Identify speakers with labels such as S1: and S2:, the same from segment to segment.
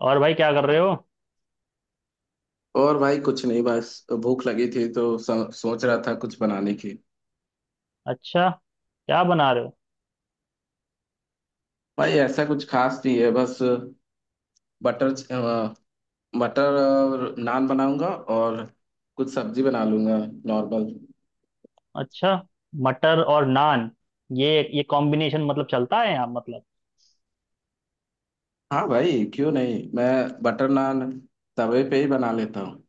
S1: और भाई क्या कर रहे हो।
S2: और भाई कुछ नहीं। बस भूख लगी थी तो सोच रहा था कुछ बनाने की।
S1: अच्छा। क्या बना रहे हो।
S2: भाई ऐसा कुछ खास नहीं है। बस बटर च- अ, मटर और नान बनाऊंगा और कुछ सब्जी बना लूंगा। नॉर्मल।
S1: अच्छा। मटर और नान। ये ये कॉम्बिनेशन मतलब चलता है यहाँ मतलब।
S2: हाँ भाई, क्यों नहीं। मैं बटर नान तवे पे ही बना लेता हूँ।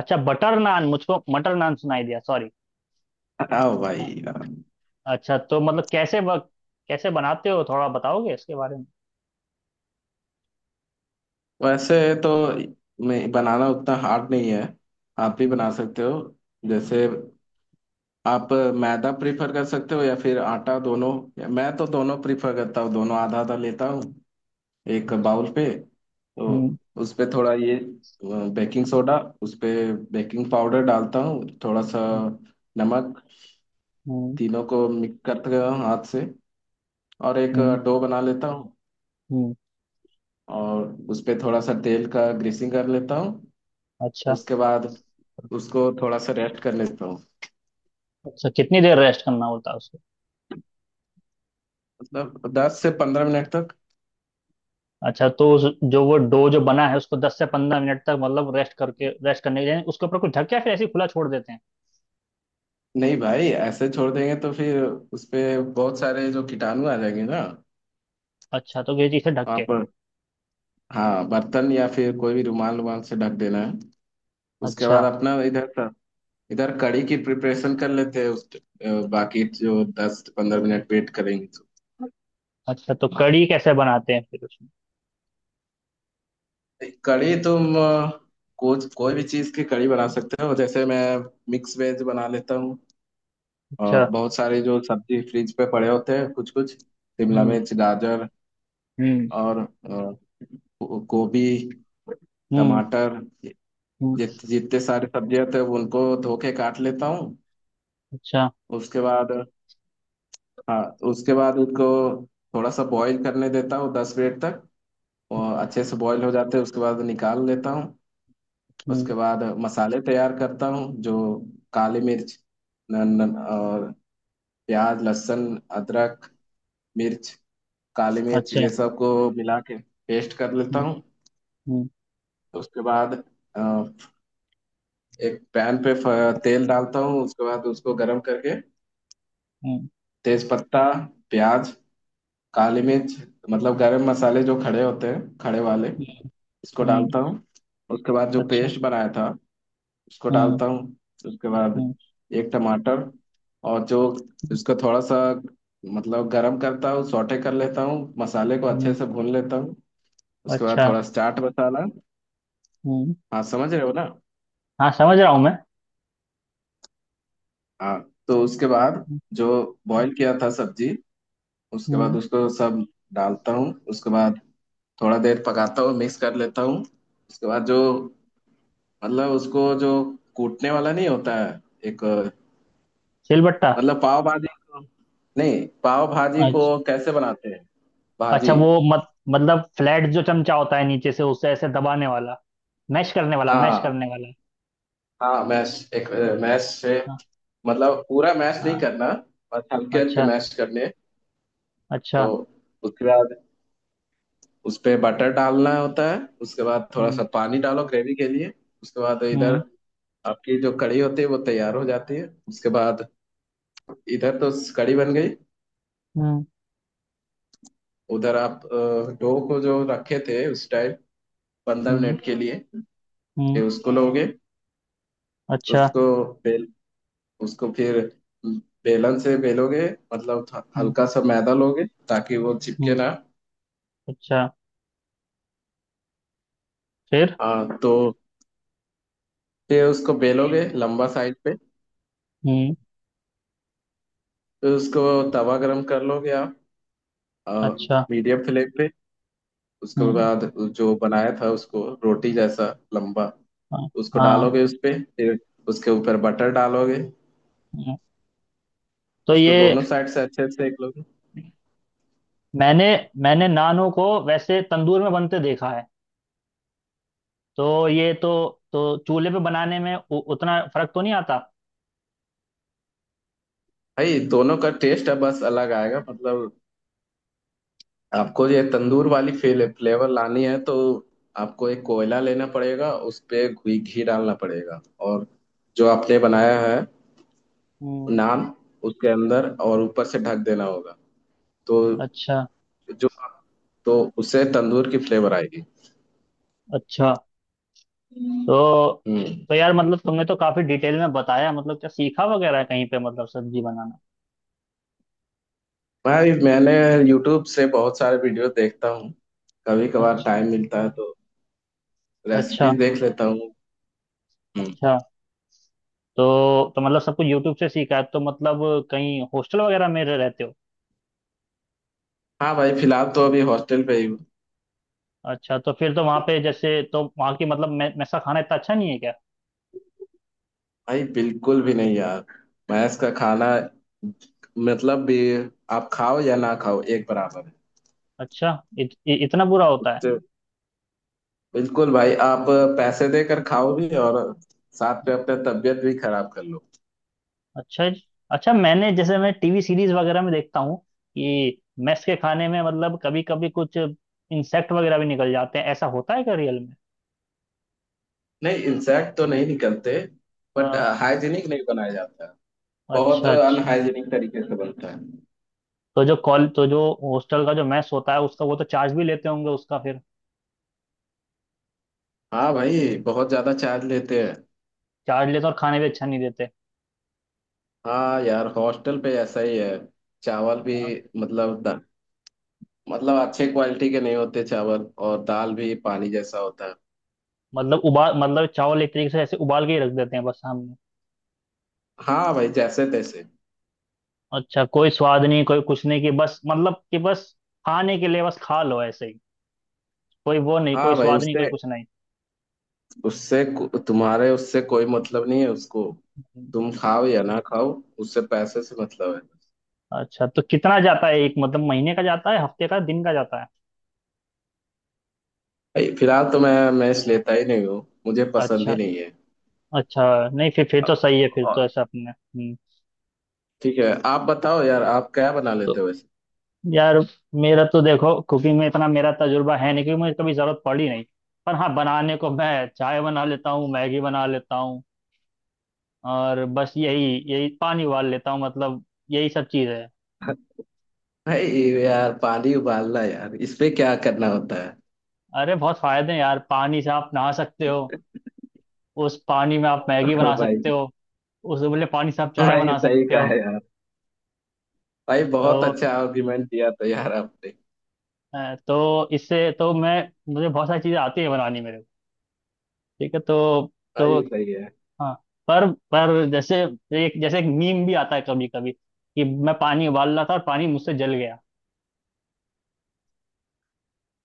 S1: अच्छा बटर नान, मुझको मटर नान सुनाई दिया। सॉरी।
S2: आओ भाई आओ।
S1: अच्छा, तो मतलब कैसे बनाते हो, थोड़ा बताओगे इसके बारे में।
S2: वैसे तो मैं बनाना उतना हार्ड नहीं है, आप भी
S1: हम्म।
S2: बना सकते हो। जैसे आप मैदा प्रीफर कर सकते हो या फिर आटा, दोनों। या मैं तो दोनों प्रीफर करता हूँ, दोनों आधा आधा लेता हूँ एक
S1: अच्छा।
S2: बाउल पे। तो
S1: हम्म।
S2: उस पे थोड़ा ये बेकिंग सोडा, उस पे बेकिंग पाउडर डालता हूँ थोड़ा सा,
S1: हम्म।
S2: नमक।
S1: हम्म।
S2: तीनों को मिक्स करते हुए हाथ से और एक
S1: हम्म।
S2: डो बना लेता हूँ,
S1: हम्म।
S2: और उस पे थोड़ा सा तेल का ग्रीसिंग कर लेता हूँ।
S1: अच्छा।
S2: उसके बाद उसको थोड़ा सा रेस्ट कर लेता हूँ।
S1: अच्छा, कितनी देर रेस्ट करना होता है उसको।
S2: मतलब 10 से 15 मिनट तक।
S1: अच्छा, तो जो वो डो जो बना है उसको 10 से 15 मिनट तक, मतलब रेस्ट करके, रेस्ट करने के लिए उसके ऊपर कुछ ढक के या फिर ऐसे ही खुला छोड़ देते हैं।
S2: नहीं भाई, ऐसे छोड़ देंगे तो फिर उसपे बहुत सारे जो कीटाणु आ जाएंगे ना।
S1: अच्छा, तो ये चीज़ से ढक के।
S2: आप हाँ, बर्तन या फिर कोई भी रुमाल, रुमाल से ढक देना है। उसके बाद
S1: अच्छा।
S2: अपना इधर का, इधर कड़ी की प्रिपरेशन कर लेते हैं बाकी जो 10 15 मिनट वेट करेंगे तो।
S1: अच्छा, तो कड़ी कैसे बनाते हैं फिर उसमें।
S2: कड़ी तुम कुछ कोई भी चीज की कड़ी बना सकते हो। जैसे मैं मिक्स वेज बना लेता हूँ, और
S1: अच्छा।
S2: बहुत सारे जो सब्जी फ्रिज पे पड़े होते हैं, कुछ कुछ शिमला
S1: हम्म।
S2: मिर्च, गाजर
S1: हम्म।
S2: और गोभी,
S1: हम्म।
S2: टमाटर।
S1: हम्म।
S2: जितने सारे सब्जियां थे वो, उनको धो के काट लेता हूँ।
S1: अच्छा।
S2: उसके बाद हाँ, उसके बाद उनको थोड़ा सा बॉईल करने देता हूँ 10 मिनट तक। और अच्छे से बॉईल हो जाते हैं उसके बाद निकाल लेता हूँ।
S1: हम्म।
S2: उसके बाद मसाले तैयार करता हूँ, जो काली मिर्च, न, न, और प्याज, लहसुन, अदरक, मिर्च, काली मिर्च,
S1: अच्छा।
S2: ये सब को मिला के पेस्ट कर लेता
S1: हम्म।
S2: हूँ।
S1: हम्म।
S2: उसके बाद अ, एक पैन पे तेल डालता हूँ। उसके बाद उसको गरम करके
S1: हम्म।
S2: तेज पत्ता, प्याज, काली मिर्च, मतलब गरम मसाले जो खड़े होते हैं, खड़े वाले, इसको
S1: हम्म।
S2: डालता हूँ। उसके बाद जो
S1: अच्छा।
S2: पेस्ट बनाया था उसको
S1: हम्म।
S2: डालता हूँ। उसके बाद
S1: हम्म।
S2: एक टमाटर और जो, इसको थोड़ा सा मतलब गरम करता हूँ, सौटे कर लेता हूँ, मसाले को अच्छे
S1: हम्म।
S2: से भून लेता हूँ। उसके बाद
S1: अच्छा।
S2: थोड़ा चाट मसाला।
S1: हम्म।
S2: हाँ, समझ रहे हो ना।
S1: हाँ, समझ रहा हूँ मैं।
S2: हाँ, तो उसके बाद
S1: हम्म।
S2: जो बॉईल किया था सब्जी, उसके बाद
S1: हम्म।
S2: उसको सब डालता हूँ। उसके बाद थोड़ा देर पकाता हूँ, मिक्स कर लेता हूँ। उसके बाद जो, मतलब उसको जो कूटने वाला नहीं होता है एक,
S1: सिलबट्टा।
S2: मतलब पाव भाजी को, नहीं पाव भाजी को
S1: अच्छा।
S2: कैसे बनाते हैं।
S1: अच्छा।
S2: भाजी।
S1: वो, मत मतलब फ्लैट जो चमचा होता है नीचे से, उससे ऐसे दबाने वाला, मैश करने वाला, मैश
S2: हाँ।
S1: करने वाला।
S2: हाँ मैश, एक मैश से।
S1: हाँ।
S2: मतलब पूरा मैश नहीं
S1: हाँ।
S2: करना, बस हल्के हल्के
S1: अच्छा।
S2: मैश करने। तो
S1: अच्छा।
S2: उसके बाद उस पे बटर डालना होता है। उसके बाद थोड़ा सा
S1: हम्म।
S2: पानी डालो ग्रेवी के लिए। उसके बाद
S1: हम्म।
S2: इधर आपकी जो कड़ी होती है वो तैयार हो जाती है। उसके बाद इधर तो कड़ी बन गई।
S1: हम्म।
S2: उधर आप डो को जो रखे थे उस टाइप, पंद्रह
S1: हम्म।
S2: मिनट के लिए,
S1: हम्म।
S2: ये उसको लोगे।
S1: अच्छा।
S2: उसको बेल, उसको फिर बेलन से बेलोगे। मतलब
S1: हम्म।
S2: हल्का सा मैदा लोगे ताकि वो चिपके
S1: हम्म।
S2: ना।
S1: अच्छा। फिर?
S2: हाँ तो फिर उसको बेलोगे लंबा साइड पे।
S1: हम्म।
S2: फिर उसको तवा गरम कर लोगे आप,
S1: अच्छा।
S2: मीडियम फ्लेम पे। उसके
S1: हम्म।
S2: बाद जो बनाया था उसको रोटी जैसा, लंबा,
S1: हाँ।
S2: उसको
S1: हाँ।
S2: डालोगे उस पे। फिर उसके ऊपर बटर डालोगे,
S1: हम्म। तो
S2: उसको
S1: ये,
S2: दोनों साइड से अच्छे से सेक लोगे।
S1: मैंने मैंने नानों को वैसे तंदूर में बनते देखा है, तो ये तो, चूल्हे पे बनाने में उतना फर्क तो नहीं आता।
S2: भाई दोनों का टेस्ट अब बस अलग आएगा। मतलब आपको ये तंदूर
S1: हम्म।
S2: वाली फील, फ्लेवर लानी है तो आपको एक कोयला लेना पड़ेगा, उस पे घी घी डालना पड़ेगा। और जो आपने बनाया है,
S1: हम्म।
S2: नान, उसके अंदर और ऊपर से ढक देना होगा। तो
S1: अच्छा।
S2: जो, तो उससे तंदूर की फ्लेवर आएगी।
S1: अच्छा। तो
S2: हम्म।
S1: तो यार, मतलब तुमने तो काफी डिटेल में बताया, मतलब क्या सीखा वगैरह है कहीं पे, मतलब सब्जी बनाना।
S2: भाई मैंने यूट्यूब से बहुत सारे वीडियो देखता हूँ। कभी कभार
S1: अच्छा।
S2: टाइम मिलता है तो
S1: अच्छा।
S2: रेसिपीज देख लेता हूँ। हम्म।
S1: अच्छा। तो मतलब सब कुछ यूट्यूब से सीखा है तो, मतलब कहीं हॉस्टल वगैरह में रहते हो?
S2: हाँ भाई, फिलहाल तो अभी हॉस्टल पे ही हूँ।
S1: अच्छा, तो फिर तो वहां पे, जैसे, तो वहां की मतलब मैस का खाना इतना अच्छा नहीं है क्या?
S2: भाई बिल्कुल भी नहीं यार। भैंस का खाना, मतलब भी, आप खाओ या ना खाओ एक बराबर है।
S1: अच्छा, इतना बुरा होता है?
S2: उससे बिल्कुल भाई, आप पैसे देकर खाओ भी और साथ में अपने तबीयत भी खराब कर लो।
S1: अच्छा जी। अच्छा, मैंने, जैसे, मैं टीवी सीरीज वगैरह में देखता हूँ कि मेस के खाने में, मतलब, कभी कभी कुछ इंसेक्ट वगैरह भी निकल जाते हैं, ऐसा होता है क्या रियल में?
S2: नहीं, इंसेक्ट तो नहीं निकलते। बट
S1: हाँ।
S2: हाइजीनिक नहीं बनाया जाता है, बहुत
S1: अच्छा। अच्छा,
S2: अनहाइजीनिक तरीके से बनता है।
S1: तो जो कॉल तो जो हॉस्टल का जो मेस होता है उसका, वो तो चार्ज भी लेते होंगे उसका फिर।
S2: हाँ भाई बहुत ज्यादा चार्ज लेते हैं।
S1: चार्ज लेते हैं और खाने भी अच्छा नहीं देते।
S2: हाँ यार, हॉस्टल पे ऐसा ही है। चावल भी,
S1: हाँ,
S2: मतलब मतलब अच्छे क्वालिटी के नहीं होते चावल, और दाल भी पानी जैसा होता है।
S1: मतलब उबाल, मतलब चावल एक तरीके से ऐसे उबाल के ही रख देते हैं बस हम।
S2: हाँ भाई जैसे तैसे।
S1: अच्छा, कोई स्वाद नहीं, कोई कुछ नहीं कि बस, मतलब कि बस खाने के लिए बस खा लो ऐसे ही, कोई वो नहीं, कोई
S2: हाँ भाई
S1: स्वाद नहीं, कोई
S2: उससे
S1: कुछ नहीं।
S2: उससे को-, तुम्हारे उससे कोई मतलब नहीं है उसको। तुम खाओ या ना खाओ, उससे पैसे से मतलब है।
S1: अच्छा, तो कितना जाता है, एक मतलब महीने का जाता है, हफ्ते का, दिन का जाता है?
S2: भाई फिलहाल तो मैं मैस लेता ही नहीं हूँ। मुझे पसंद
S1: अच्छा।
S2: ही नहीं है।
S1: अच्छा, नहीं, फिर तो सही है, फिर तो
S2: और
S1: ऐसा अपने। हम्म।
S2: ठीक है, आप बताओ यार, आप क्या बना
S1: तो
S2: लेते हो वैसे।
S1: यार, मेरा तो देखो, कुकिंग में इतना मेरा तजुर्बा है नहीं, क्योंकि मुझे कभी जरूरत पड़ी नहीं। पर हाँ, बनाने को मैं चाय बना लेता हूँ, मैगी बना लेता हूँ, और बस यही, पानी उबाल लेता हूँ, मतलब यही सब चीज़ है।
S2: भाई, यार पानी उबालना यार, इसपे क्या करना होता है।
S1: अरे बहुत फायदे हैं यार, पानी से आप नहा सकते हो। उस पानी में आप मैगी बना
S2: भाई।
S1: सकते हो। उस उबले पानी से आप चाय
S2: भाई
S1: बना
S2: सही
S1: सकते हो।
S2: कहा यार। भाई बहुत
S1: तो
S2: अच्छा आर्गुमेंट दिया था यार आपने।
S1: तो इससे तो मैं मुझे बहुत सारी चीजें आती है बनानी, मेरे को ठीक है तो। तो
S2: भाई सही है।
S1: हाँ। पर जैसे, एक, जैसे एक मीम भी आता है कभी कभी कि मैं पानी उबाल रहा था और पानी मुझसे जल गया।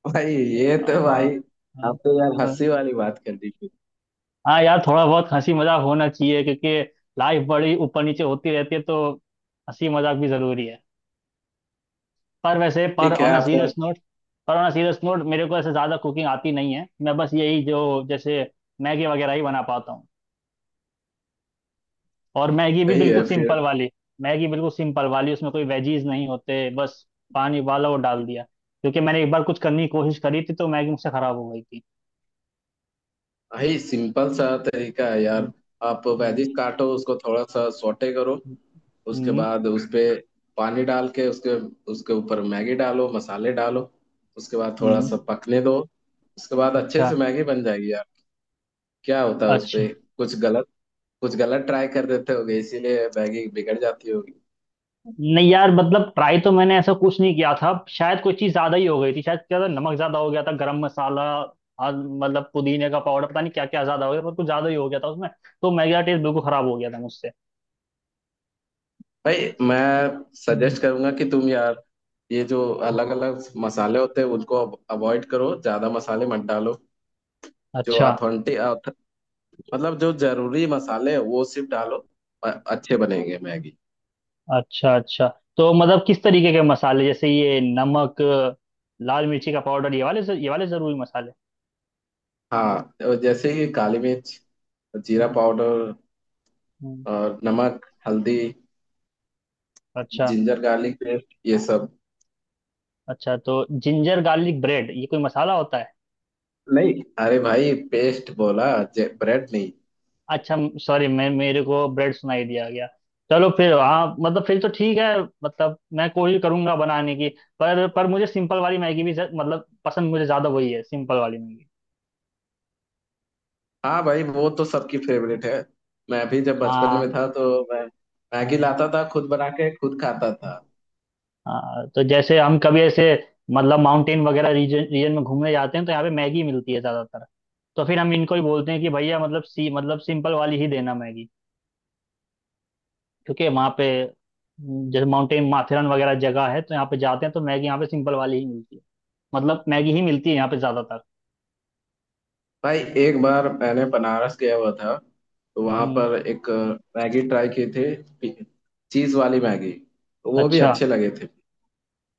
S2: भाई ये
S1: हाँ।
S2: तो
S1: हाँ।
S2: भाई, आपने यार
S1: हाँ।
S2: हंसी वाली बात कर दी फिर।
S1: हाँ यार, थोड़ा बहुत हंसी मजाक होना चाहिए, क्योंकि लाइफ बड़ी ऊपर नीचे होती रहती है, तो हंसी मजाक भी जरूरी है। पर वैसे,
S2: ठीक है आपका।
S1: पर ऑन अ सीरियस नोट, मेरे को ऐसे ज़्यादा कुकिंग आती नहीं है, मैं बस यही जो, जैसे मैगी वगैरह ही बना पाता हूँ। और मैगी भी
S2: सही
S1: बिल्कुल
S2: है फिर।
S1: सिंपल वाली। मैगी बिल्कुल सिंपल वाली, उसमें कोई वेजीज नहीं होते बस, पानी उबाला और डाल दिया, क्योंकि मैंने एक बार कुछ करने की कोशिश करी थी तो मैगी मुझसे ख़राब हो गई थी।
S2: भाई सिंपल सा तरीका है यार।
S1: हम्म।
S2: आप
S1: हम्म।
S2: वेजिस काटो, उसको थोड़ा सा सौटे करो। उसके
S1: हम्म। हम्म।
S2: बाद उस पे पानी डाल के उसके, उसके ऊपर मैगी डालो, मसाले डालो। उसके बाद थोड़ा
S1: हम्म।
S2: सा पकने दो। उसके बाद अच्छे
S1: अच्छा।
S2: से मैगी बन जाएगी यार। क्या होता है उस
S1: अच्छा,
S2: पे। कुछ गलत, कुछ गलत ट्राई कर देते होगे इसीलिए मैगी बिगड़ जाती होगी।
S1: नहीं यार, मतलब ट्राई तो मैंने ऐसा कुछ नहीं किया था, शायद कोई चीज ज्यादा ही हो गई थी। शायद क्या था, नमक ज्यादा हो गया था, गरम मसाला, और, मतलब, पुदीने का पाउडर, पता नहीं क्या क्या ज्यादा हो गया, पर कुछ ज्यादा ही हो गया था उसमें, तो मेरा टेस्ट बिल्कुल खराब हो गया था मुझसे।
S2: भाई मैं
S1: हम्म।
S2: सजेस्ट करूंगा कि तुम यार ये जो अलग
S1: हम्म।
S2: अलग मसाले होते हैं उनको अवॉइड करो, ज्यादा मसाले मत डालो। जो
S1: अच्छा।
S2: ऑथेंटिक, मतलब जो जरूरी मसाले हैं वो सिर्फ डालो, अच्छे बनेंगे मैगी।
S1: अच्छा। अच्छा, तो मतलब किस तरीके के मसाले, जैसे ये नमक, लाल मिर्ची का पाउडर, ये वाले जरूरी मसाले।
S2: हाँ, और जैसे कि काली मिर्च, जीरा
S1: हम्म।
S2: पाउडर
S1: हम्म।
S2: और नमक, हल्दी,
S1: अच्छा।
S2: जिंजर गार्लिक पेस्ट, ये सब।
S1: अच्छा, तो जिंजर गार्लिक ब्रेड ये कोई मसाला होता है?
S2: नहीं, अरे भाई पेस्ट बोला, ब्रेड नहीं।
S1: अच्छा, सॉरी, मैं मेरे को ब्रेड सुनाई दिया गया। चलो फिर, हाँ मतलब, फिर तो ठीक है, मतलब मैं कोशिश करूंगा बनाने की। पर मुझे सिंपल वाली मैगी भी मतलब पसंद, मुझे ज्यादा वही है, सिंपल वाली मैगी।
S2: हाँ भाई, वो तो सबकी फेवरेट है। मैं भी जब बचपन
S1: हाँ।
S2: में था तो मैं मैगी
S1: हाँ।
S2: लाता था, खुद बना के खुद खाता
S1: हाँ।
S2: था।
S1: हाँ, तो जैसे हम कभी ऐसे, मतलब, माउंटेन वगैरह रीजन, में घूमने जाते हैं तो यहाँ पे मैगी मिलती है ज्यादातर। तो फिर हम इनको ही बोलते हैं कि भैया, मतलब सी मतलब सिंपल वाली ही देना मैगी, क्योंकि वहाँ पे, जैसे माउंटेन माथेरन वगैरह जगह है तो यहाँ पे जाते हैं तो मैगी यहाँ पे सिंपल वाली ही मिलती है, मतलब मैगी ही मिलती है यहाँ पे ज्यादातर।
S2: भाई एक बार मैंने बनारस गया हुआ था। तो वहां
S1: हम्म।
S2: पर एक मैगी ट्राई की थी, चीज वाली मैगी, तो वो भी
S1: अच्छा।
S2: अच्छे लगे थे।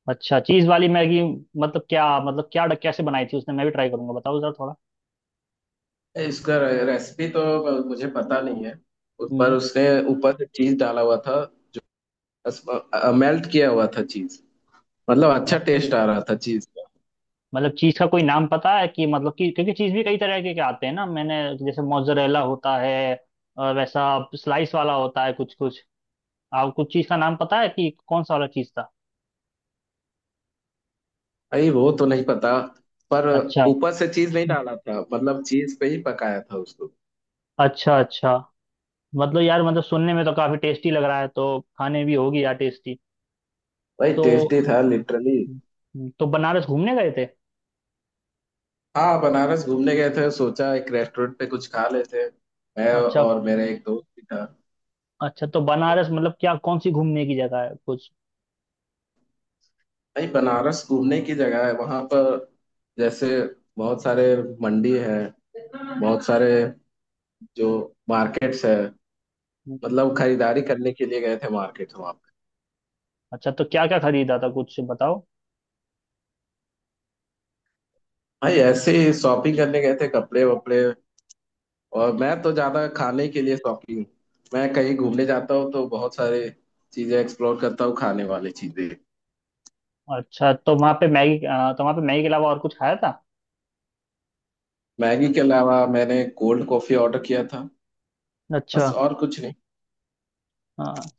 S1: अच्छा, चीज वाली मैगी। मतलब क्या, मतलब क्या, कैसे बनाई थी उसने? मैं भी ट्राई करूंगा, बताओ जरा थोड़ा।
S2: इसका रेसिपी तो मुझे पता नहीं है। उस पर
S1: हम्म।
S2: उसने ऊपर से चीज डाला हुआ था, मेल्ट किया हुआ था चीज। मतलब अच्छा
S1: मत-
S2: टेस्ट आ रहा था चीज का।
S1: मतलब चीज का कोई नाम पता है कि, मतलब कि, क्योंकि चीज भी कई तरह के आते हैं ना मैंने। जैसे मोzzरेला होता है, और वैसा स्लाइस वाला होता है कुछ कुछ। आप कुछ चीज का नाम पता है कि कौन सा वाला चीज था?
S2: भाई वो तो नहीं पता, पर
S1: अच्छा।
S2: ऊपर से चीज नहीं डाला था, मतलब चीज पे ही पकाया था उसको।
S1: अच्छा। अच्छा, मतलब यार, मतलब सुनने में तो काफी टेस्टी लग रहा है, तो खाने भी होगी यार टेस्टी।
S2: भाई
S1: तो
S2: टेस्टी था लिटरली।
S1: तो बनारस घूमने गए थे?
S2: हाँ, बनारस घूमने गए थे, सोचा एक रेस्टोरेंट पे कुछ खा लेते हैं। मैं
S1: अच्छा।
S2: और मेरे एक दोस्त भी था।
S1: अच्छा, तो बनारस, मतलब क्या कौन सी घूमने की जगह है कुछ?
S2: भाई बनारस घूमने की जगह है वहां पर। जैसे बहुत सारे मंडी है, बहुत सारे जो मार्केट्स है।
S1: हम्म।
S2: मतलब खरीदारी करने के लिए गए थे मार्केट वहां पे।
S1: अच्छा, तो क्या क्या खरीदा था कुछ बताओ?
S2: भाई ऐसे ही शॉपिंग करने गए थे, कपड़े वपड़े। और मैं तो ज्यादा खाने के लिए शॉपिंग। मैं कहीं घूमने जाता हूँ तो बहुत सारी चीजें एक्सप्लोर करता हूँ, खाने वाली चीजें।
S1: अच्छा, तो वहाँ पे मैगी, तो वहाँ पे मैगी के अलावा और कुछ खाया था?
S2: मैगी के अलावा मैंने कोल्ड कॉफी ऑर्डर किया था। बस
S1: अच्छा।
S2: और कुछ नहीं।
S1: हाँ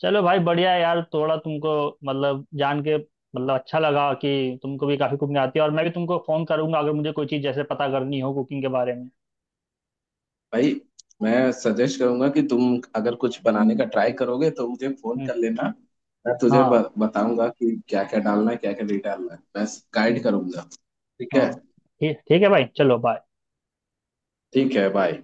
S1: चलो भाई, बढ़िया है यार, थोड़ा तुमको, मतलब, जान के मतलब अच्छा लगा कि तुमको भी काफी कुकिंग आती है, और मैं भी तुमको फोन करूंगा अगर मुझे कोई चीज जैसे पता करनी हो कुकिंग के बारे में।
S2: भाई मैं सजेस्ट करूंगा कि तुम अगर कुछ बनाने का ट्राई करोगे तो मुझे फोन
S1: हम्म।
S2: कर लेना। मैं तुझे
S1: हाँ।
S2: बताऊंगा कि क्या क्या डालना है, क्या क्या नहीं डालना है, बस गाइड
S1: हम्म।
S2: करूंगा। ठीक
S1: हाँ
S2: है।
S1: ठीक, ठीक है भाई, चलो बाय।
S2: ठीक है बाय।